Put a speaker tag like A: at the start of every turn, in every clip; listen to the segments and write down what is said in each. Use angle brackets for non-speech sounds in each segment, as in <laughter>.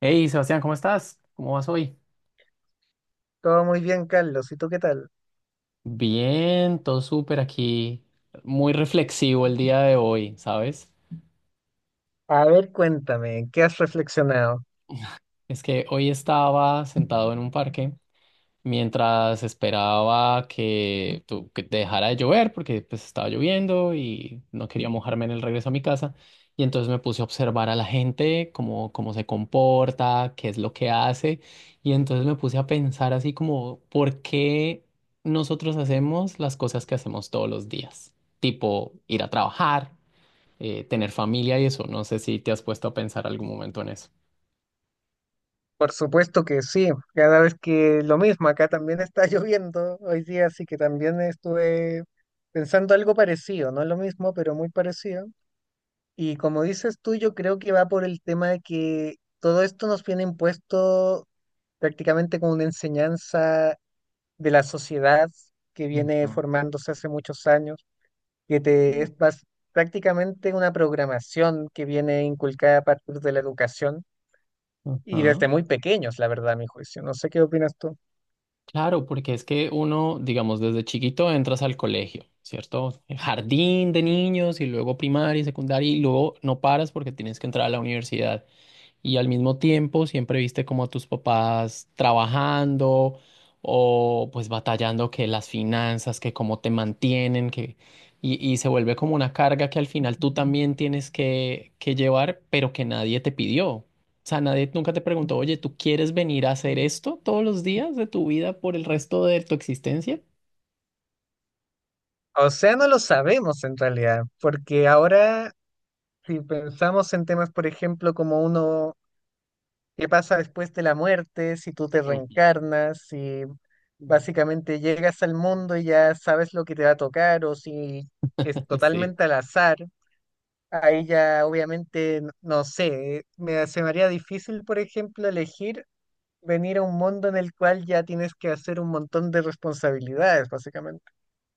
A: Hey, Sebastián, ¿cómo estás? ¿Cómo vas hoy?
B: Todo muy bien, Carlos. ¿Y tú qué tal?
A: Bien, todo súper aquí. Muy reflexivo el día de hoy, ¿sabes?
B: A ver, cuéntame, ¿qué has reflexionado?
A: Es que hoy estaba sentado en un parque mientras esperaba que dejara de llover, porque pues estaba lloviendo y no quería mojarme en el regreso a mi casa. Y entonces me puse a observar a la gente, cómo se comporta, qué es lo que hace. Y entonces me puse a pensar así como, ¿por qué nosotros hacemos las cosas que hacemos todos los días? Tipo ir a trabajar, tener familia y eso. No sé si te has puesto a pensar algún momento en eso.
B: Por supuesto que sí, cada vez que lo mismo, acá también está <laughs> lloviendo hoy día, así que también estuve pensando algo parecido, no lo mismo, pero muy parecido. Y como dices tú, yo creo que va por el tema de que todo esto nos viene impuesto prácticamente como una enseñanza de la sociedad que viene
A: Ujú.
B: formándose hace muchos años. Que te es pas- Prácticamente una programación que viene inculcada a partir de la educación y
A: Ujú.
B: desde muy pequeños, la verdad, a mi juicio. No sé qué opinas tú.
A: Claro, porque es que uno, digamos, desde chiquito entras al colegio, ¿cierto? Jardín de niños y luego primaria y secundaria y luego no paras porque tienes que entrar a la universidad, y al mismo tiempo siempre viste como a tus papás trabajando o pues batallando que las finanzas, que cómo te mantienen, que y se vuelve como una carga que al final tú también tienes que llevar, pero que nadie te pidió. O sea, nadie nunca te preguntó, oye, ¿tú quieres venir a hacer esto todos los días de tu vida por el resto de tu existencia?
B: O sea, no lo sabemos en realidad, porque ahora si pensamos en temas, por ejemplo, como uno, qué pasa después de la muerte, si tú te
A: Ujú.
B: reencarnas, si
A: <laughs>
B: básicamente llegas al mundo y ya sabes lo que te va a tocar o si es
A: Sí.
B: totalmente al azar. Ahí ya obviamente, no sé, me, se me haría difícil, por ejemplo, elegir venir a un mundo en el cual ya tienes que hacer un montón de responsabilidades, básicamente.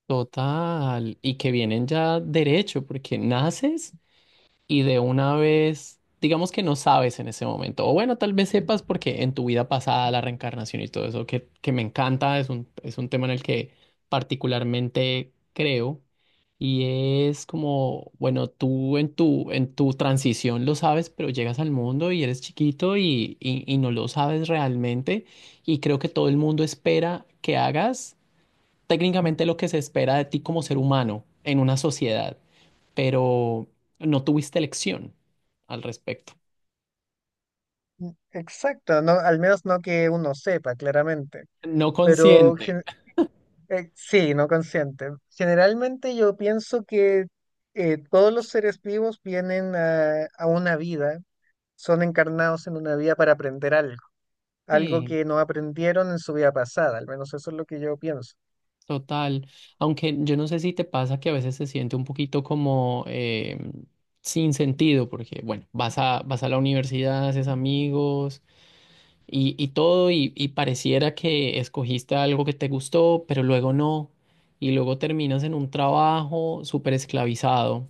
A: Total, y que vienen ya derecho, porque naces. Y de una vez, digamos que no sabes en ese momento, o bueno, tal vez sepas porque en tu vida pasada la reencarnación y todo eso que me encanta, es un tema en el que particularmente creo, y es como, bueno, tú en tu transición lo sabes, pero llegas al mundo y eres chiquito, y no lo sabes realmente, y creo que todo el mundo espera que hagas técnicamente lo que se espera de ti como ser humano en una sociedad, pero no tuviste elección al respecto.
B: Exacto, no, al menos no que uno sepa, claramente.
A: No
B: Pero
A: consciente.
B: gen- eh, sí, no consciente. Generalmente yo pienso que todos los seres vivos vienen a una vida, son encarnados en una vida para aprender algo, algo
A: Sí,
B: que no aprendieron en su vida pasada, al menos eso es lo que yo pienso.
A: total. Aunque yo no sé si te pasa que a veces se siente un poquito como sin sentido, porque bueno, vas a la universidad, haces amigos y todo, y pareciera que escogiste algo que te gustó, pero luego no. Y luego terminas en un trabajo súper esclavizado,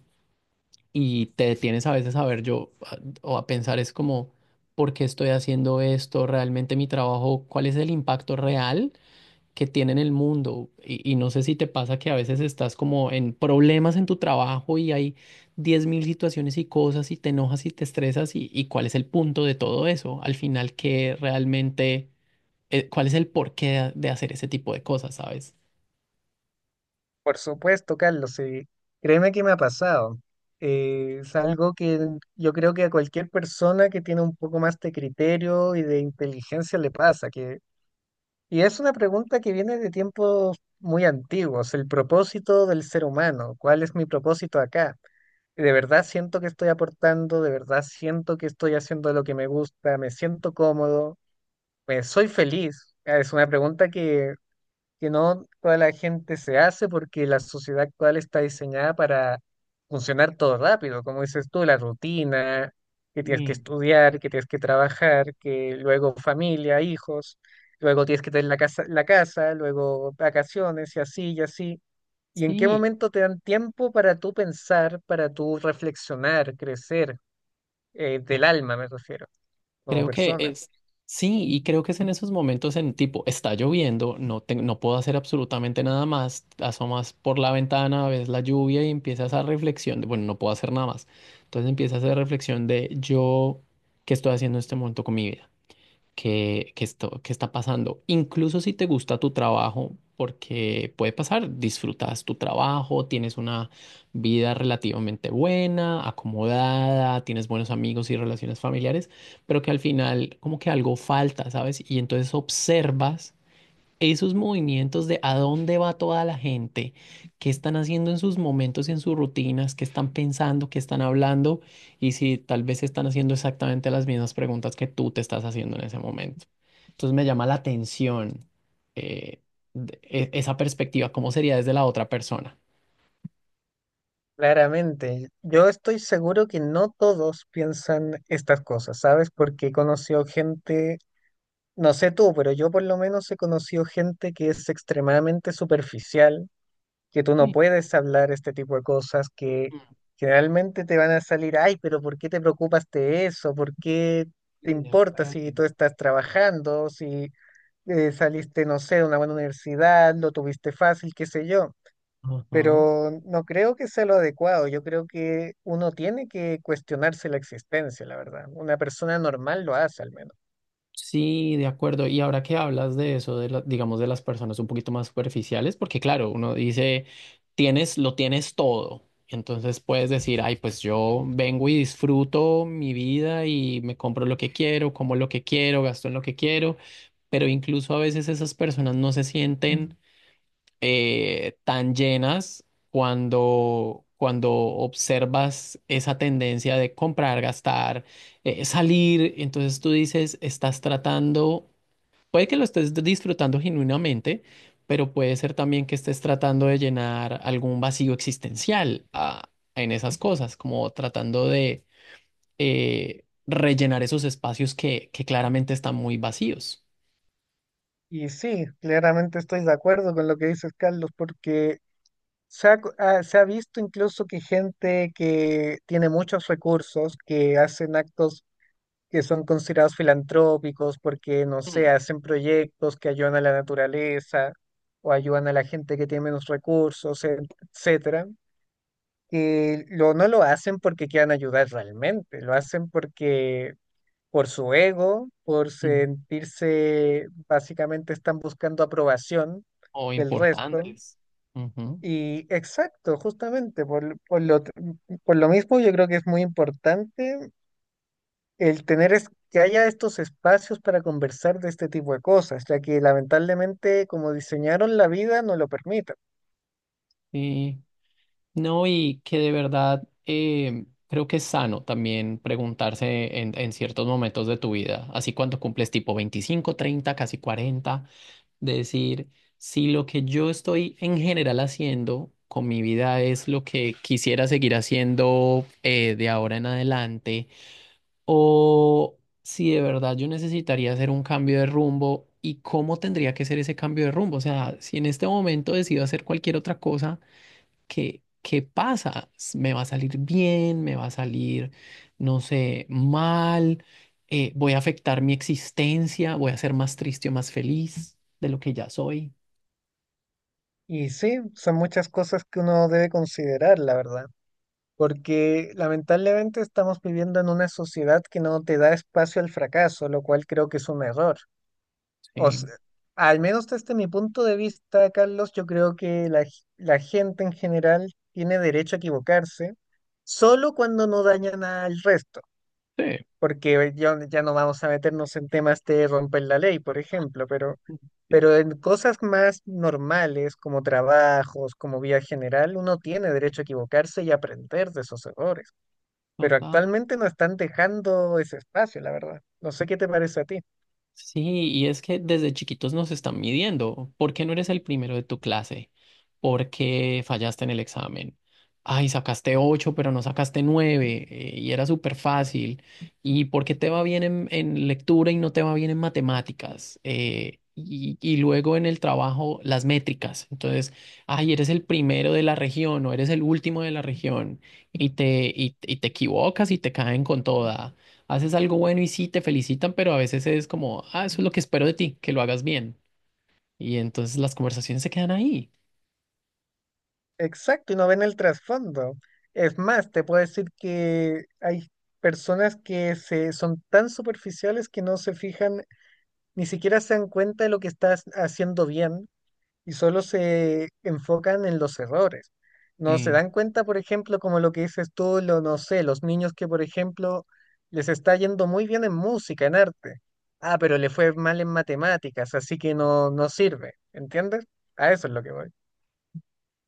A: y te detienes a veces a ver o a pensar es como, ¿por qué estoy haciendo esto? ¿Realmente mi trabajo? ¿Cuál es el impacto real que tiene en el mundo? Y no sé si te pasa que a veces estás como en problemas en tu trabajo y hay 10.000 situaciones y cosas y te enojas y te estresas, y cuál es el punto de todo eso. Al final, ¿qué realmente, cuál es el porqué de hacer ese tipo de cosas, sabes?
B: Por supuesto, Carlos, sí. Créeme que me ha pasado. Es algo que yo creo que a cualquier persona que tiene un poco más de criterio y de inteligencia le pasa, que, y es una pregunta que viene de tiempos muy antiguos, el propósito del ser humano, ¿cuál es mi propósito acá? De verdad siento que estoy aportando, de verdad siento que estoy haciendo lo que me gusta, me siento cómodo, soy feliz. Ah, es una pregunta que no toda la gente se hace porque la sociedad actual está diseñada para funcionar todo rápido, como dices tú, la rutina, que tienes que
A: Sí,
B: estudiar, que tienes que trabajar, que luego familia, hijos, luego tienes que tener la casa, luego vacaciones y así y así. ¿Y en qué
A: sí.
B: momento te dan tiempo para tú pensar, para tú reflexionar, crecer, del alma me refiero, como
A: Creo que
B: persona?
A: es, sí, y creo que es en esos momentos en tipo, está lloviendo, no, no puedo hacer absolutamente nada más, asomas por la ventana, ves la lluvia y empiezas a reflexión de, bueno, no puedo hacer nada más. Entonces empiezas a hacer reflexión de yo, ¿qué estoy haciendo en este momento con mi vida? Que está pasando. Incluso si te gusta tu trabajo, porque puede pasar, disfrutas tu trabajo, tienes una vida relativamente buena, acomodada, tienes buenos amigos y relaciones familiares, pero que al final como que algo falta, ¿sabes? Y entonces observas esos movimientos de a dónde va toda la gente, qué están haciendo en sus momentos, en sus rutinas, qué están pensando, qué están hablando, y si tal vez están haciendo exactamente las mismas preguntas que tú te estás haciendo en ese momento. Entonces me llama la atención eh, esa perspectiva, cómo sería desde la otra persona.
B: Claramente, yo estoy seguro que no todos piensan estas cosas, ¿sabes? Porque he conocido gente, no sé tú, pero yo por lo menos he conocido gente que es extremadamente superficial, que tú no
A: Sí.
B: puedes hablar este tipo de cosas, que
A: mm,
B: generalmente te van a salir, ay, pero ¿por qué te preocupas de eso? ¿Por qué te
A: sí, de
B: importa
A: acuerdo.
B: si tú estás trabajando, si saliste, no sé, de una buena universidad, lo tuviste fácil, qué sé yo?
A: Ajá.
B: Pero no creo que sea lo adecuado. Yo creo que uno tiene que cuestionarse la existencia, la verdad. Una persona normal lo hace al menos.
A: Sí, de acuerdo. Y ahora que hablas de eso, digamos, de las personas un poquito más superficiales, porque claro, uno dice, tienes, lo tienes todo. Entonces puedes decir, ay, pues yo vengo y disfruto mi vida y me compro lo que quiero, como lo que quiero, gasto en lo que quiero, pero incluso a veces esas personas no se sienten tan llenas cuando, cuando observas esa tendencia de comprar, gastar, salir. Entonces tú dices, estás tratando, puede que lo estés disfrutando genuinamente, pero puede ser también que estés tratando de llenar algún vacío existencial ah, en esas cosas, como tratando de rellenar esos espacios que claramente están muy vacíos.
B: Y sí, claramente estoy de acuerdo con lo que dices, Carlos, porque se ha visto incluso que gente que tiene muchos recursos, que hacen actos que son considerados filantrópicos, porque, no sé,
A: Mm.
B: hacen proyectos que ayudan a la naturaleza o ayudan a la gente que tiene menos recursos, etcétera, no lo hacen porque quieran ayudar realmente, lo hacen porque por su ego, por
A: Mm.
B: sentirse, básicamente están buscando aprobación
A: O
B: del resto.
A: importantes. Ujú.
B: Y exacto, justamente, por lo mismo yo creo que es muy importante el que haya estos espacios para conversar de este tipo de cosas, ya que lamentablemente como diseñaron la vida no lo permiten.
A: Sí. No, y que de verdad creo que es sano también preguntarse en ciertos momentos de tu vida, así cuando cumples tipo 25, 30, casi 40, de decir si lo que yo estoy en general haciendo con mi vida es lo que quisiera seguir haciendo de ahora en adelante, o si de verdad yo necesitaría hacer un cambio de rumbo y cómo tendría que ser ese cambio de rumbo. O sea, si en este momento decido hacer cualquier otra cosa, ¿qué pasa? ¿Me va a salir bien? ¿Me va a salir, no sé, mal? ¿Voy a afectar mi existencia? ¿Voy a ser más triste o más feliz de lo que ya soy?
B: Y sí, son muchas cosas que uno debe considerar, la verdad. Porque lamentablemente estamos viviendo en una sociedad que no te da espacio al fracaso, lo cual creo que es un error. O
A: Sí,
B: sea, al menos desde mi punto de vista, Carlos, yo creo que la gente en general tiene derecho a equivocarse, solo cuando no dañan al resto.
A: sí,
B: Porque ya no vamos a meternos en temas de romper la ley, por ejemplo, pero en cosas más normales, como trabajos, como vía general, uno tiene derecho a equivocarse y aprender de esos errores, pero
A: total.
B: actualmente no están dejando ese espacio, la verdad. No sé qué te parece a ti.
A: Sí, y es que desde chiquitos nos están midiendo. ¿Por qué no eres el primero de tu clase? ¿Por qué fallaste en el examen? Ay, sacaste ocho, pero no sacaste nueve, y era súper fácil. ¿Y por qué te va bien en lectura y no te va bien en matemáticas? Y luego en el trabajo, las métricas. Entonces, ay, eres el primero de la región o eres el último de la región, y te equivocas y te caen con toda, haces algo bueno y sí te felicitan, pero a veces es como, ah, eso es lo que espero de ti, que lo hagas bien. Y entonces las conversaciones se quedan ahí.
B: Exacto, y no ven el trasfondo. Es más, te puedo decir que hay personas son tan superficiales que no se fijan, ni siquiera se dan cuenta de lo que estás haciendo bien y solo se enfocan en los errores. No se
A: Sí.
B: dan cuenta, por ejemplo, como lo que dices tú, lo, no sé, los niños que, por ejemplo, les está yendo muy bien en música, en arte. Ah, pero le fue mal en matemáticas, así que no, no sirve, ¿entiendes? A eso es lo que voy.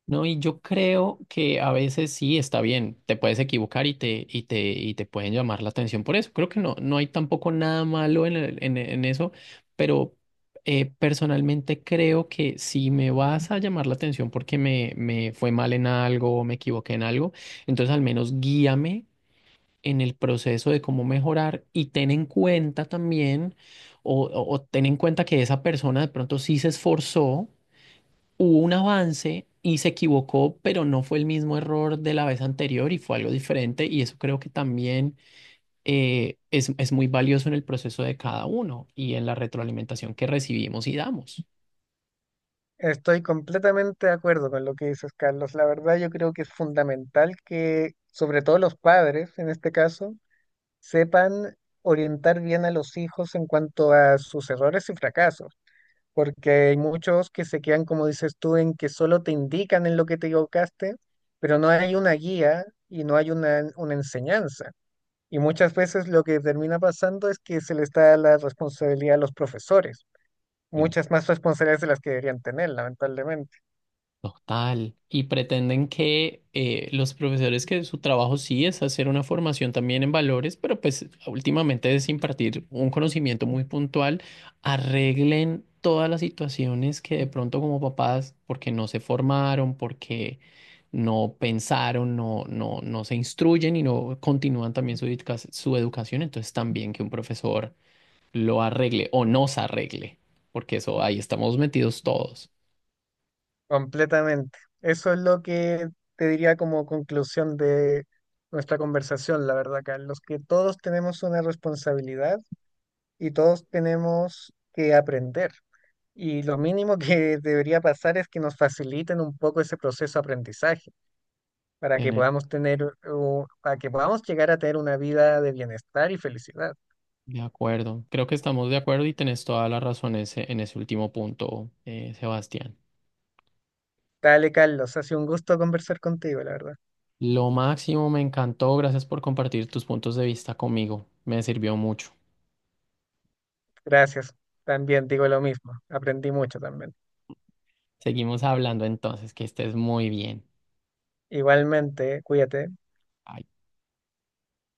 A: No, y yo creo que a veces sí está bien, te puedes equivocar y te pueden llamar la atención por eso. Creo que no, no hay tampoco nada malo en eso, pero personalmente creo que si me vas a llamar la atención porque me fue mal en algo o me equivoqué en algo, entonces al menos guíame en el proceso de cómo mejorar y ten en cuenta también, o ten en cuenta que esa persona de pronto sí se esforzó, hubo un avance y se equivocó, pero no fue el mismo error de la vez anterior y fue algo diferente, y eso creo que también es muy valioso en el proceso de cada uno y en la retroalimentación que recibimos y damos.
B: Estoy completamente de acuerdo con lo que dices, Carlos. La verdad, yo creo que es fundamental que, sobre todo los padres, en este caso, sepan orientar bien a los hijos en cuanto a sus errores y fracasos, porque hay muchos que se quedan, como dices tú, en que solo te indican en lo que te equivocaste, pero no hay una guía y no hay una enseñanza. Y muchas veces lo que termina pasando es que se les da la responsabilidad a los profesores, muchas más responsabilidades de las que deberían tener, lamentablemente,
A: Total. Y pretenden que los profesores, que su trabajo sí es hacer una formación también en valores, pero pues últimamente es impartir un conocimiento muy puntual, arreglen todas las situaciones que de pronto como papás, porque no se formaron, porque no pensaron, no se instruyen y no continúan también su su educación, entonces también que un profesor lo arregle o nos arregle, porque eso ahí estamos metidos todos.
B: completamente. Eso es lo que te diría como conclusión de nuestra conversación, la verdad, Carlos, que todos tenemos una responsabilidad y todos tenemos que aprender. Y lo mínimo que debería pasar es que nos faciliten un poco ese proceso de aprendizaje para que podamos tener, o, para que podamos llegar a tener una vida de bienestar y felicidad.
A: De acuerdo, creo que estamos de acuerdo y tenés toda la razón en ese último punto, Sebastián.
B: Dale, Carlos, ha sido un gusto conversar contigo, la verdad.
A: Lo máximo, me encantó, gracias por compartir tus puntos de vista conmigo, me sirvió mucho.
B: Gracias. También digo lo mismo. Aprendí mucho también.
A: Seguimos hablando entonces, que estés muy bien.
B: Igualmente, cuídate.
A: Bye.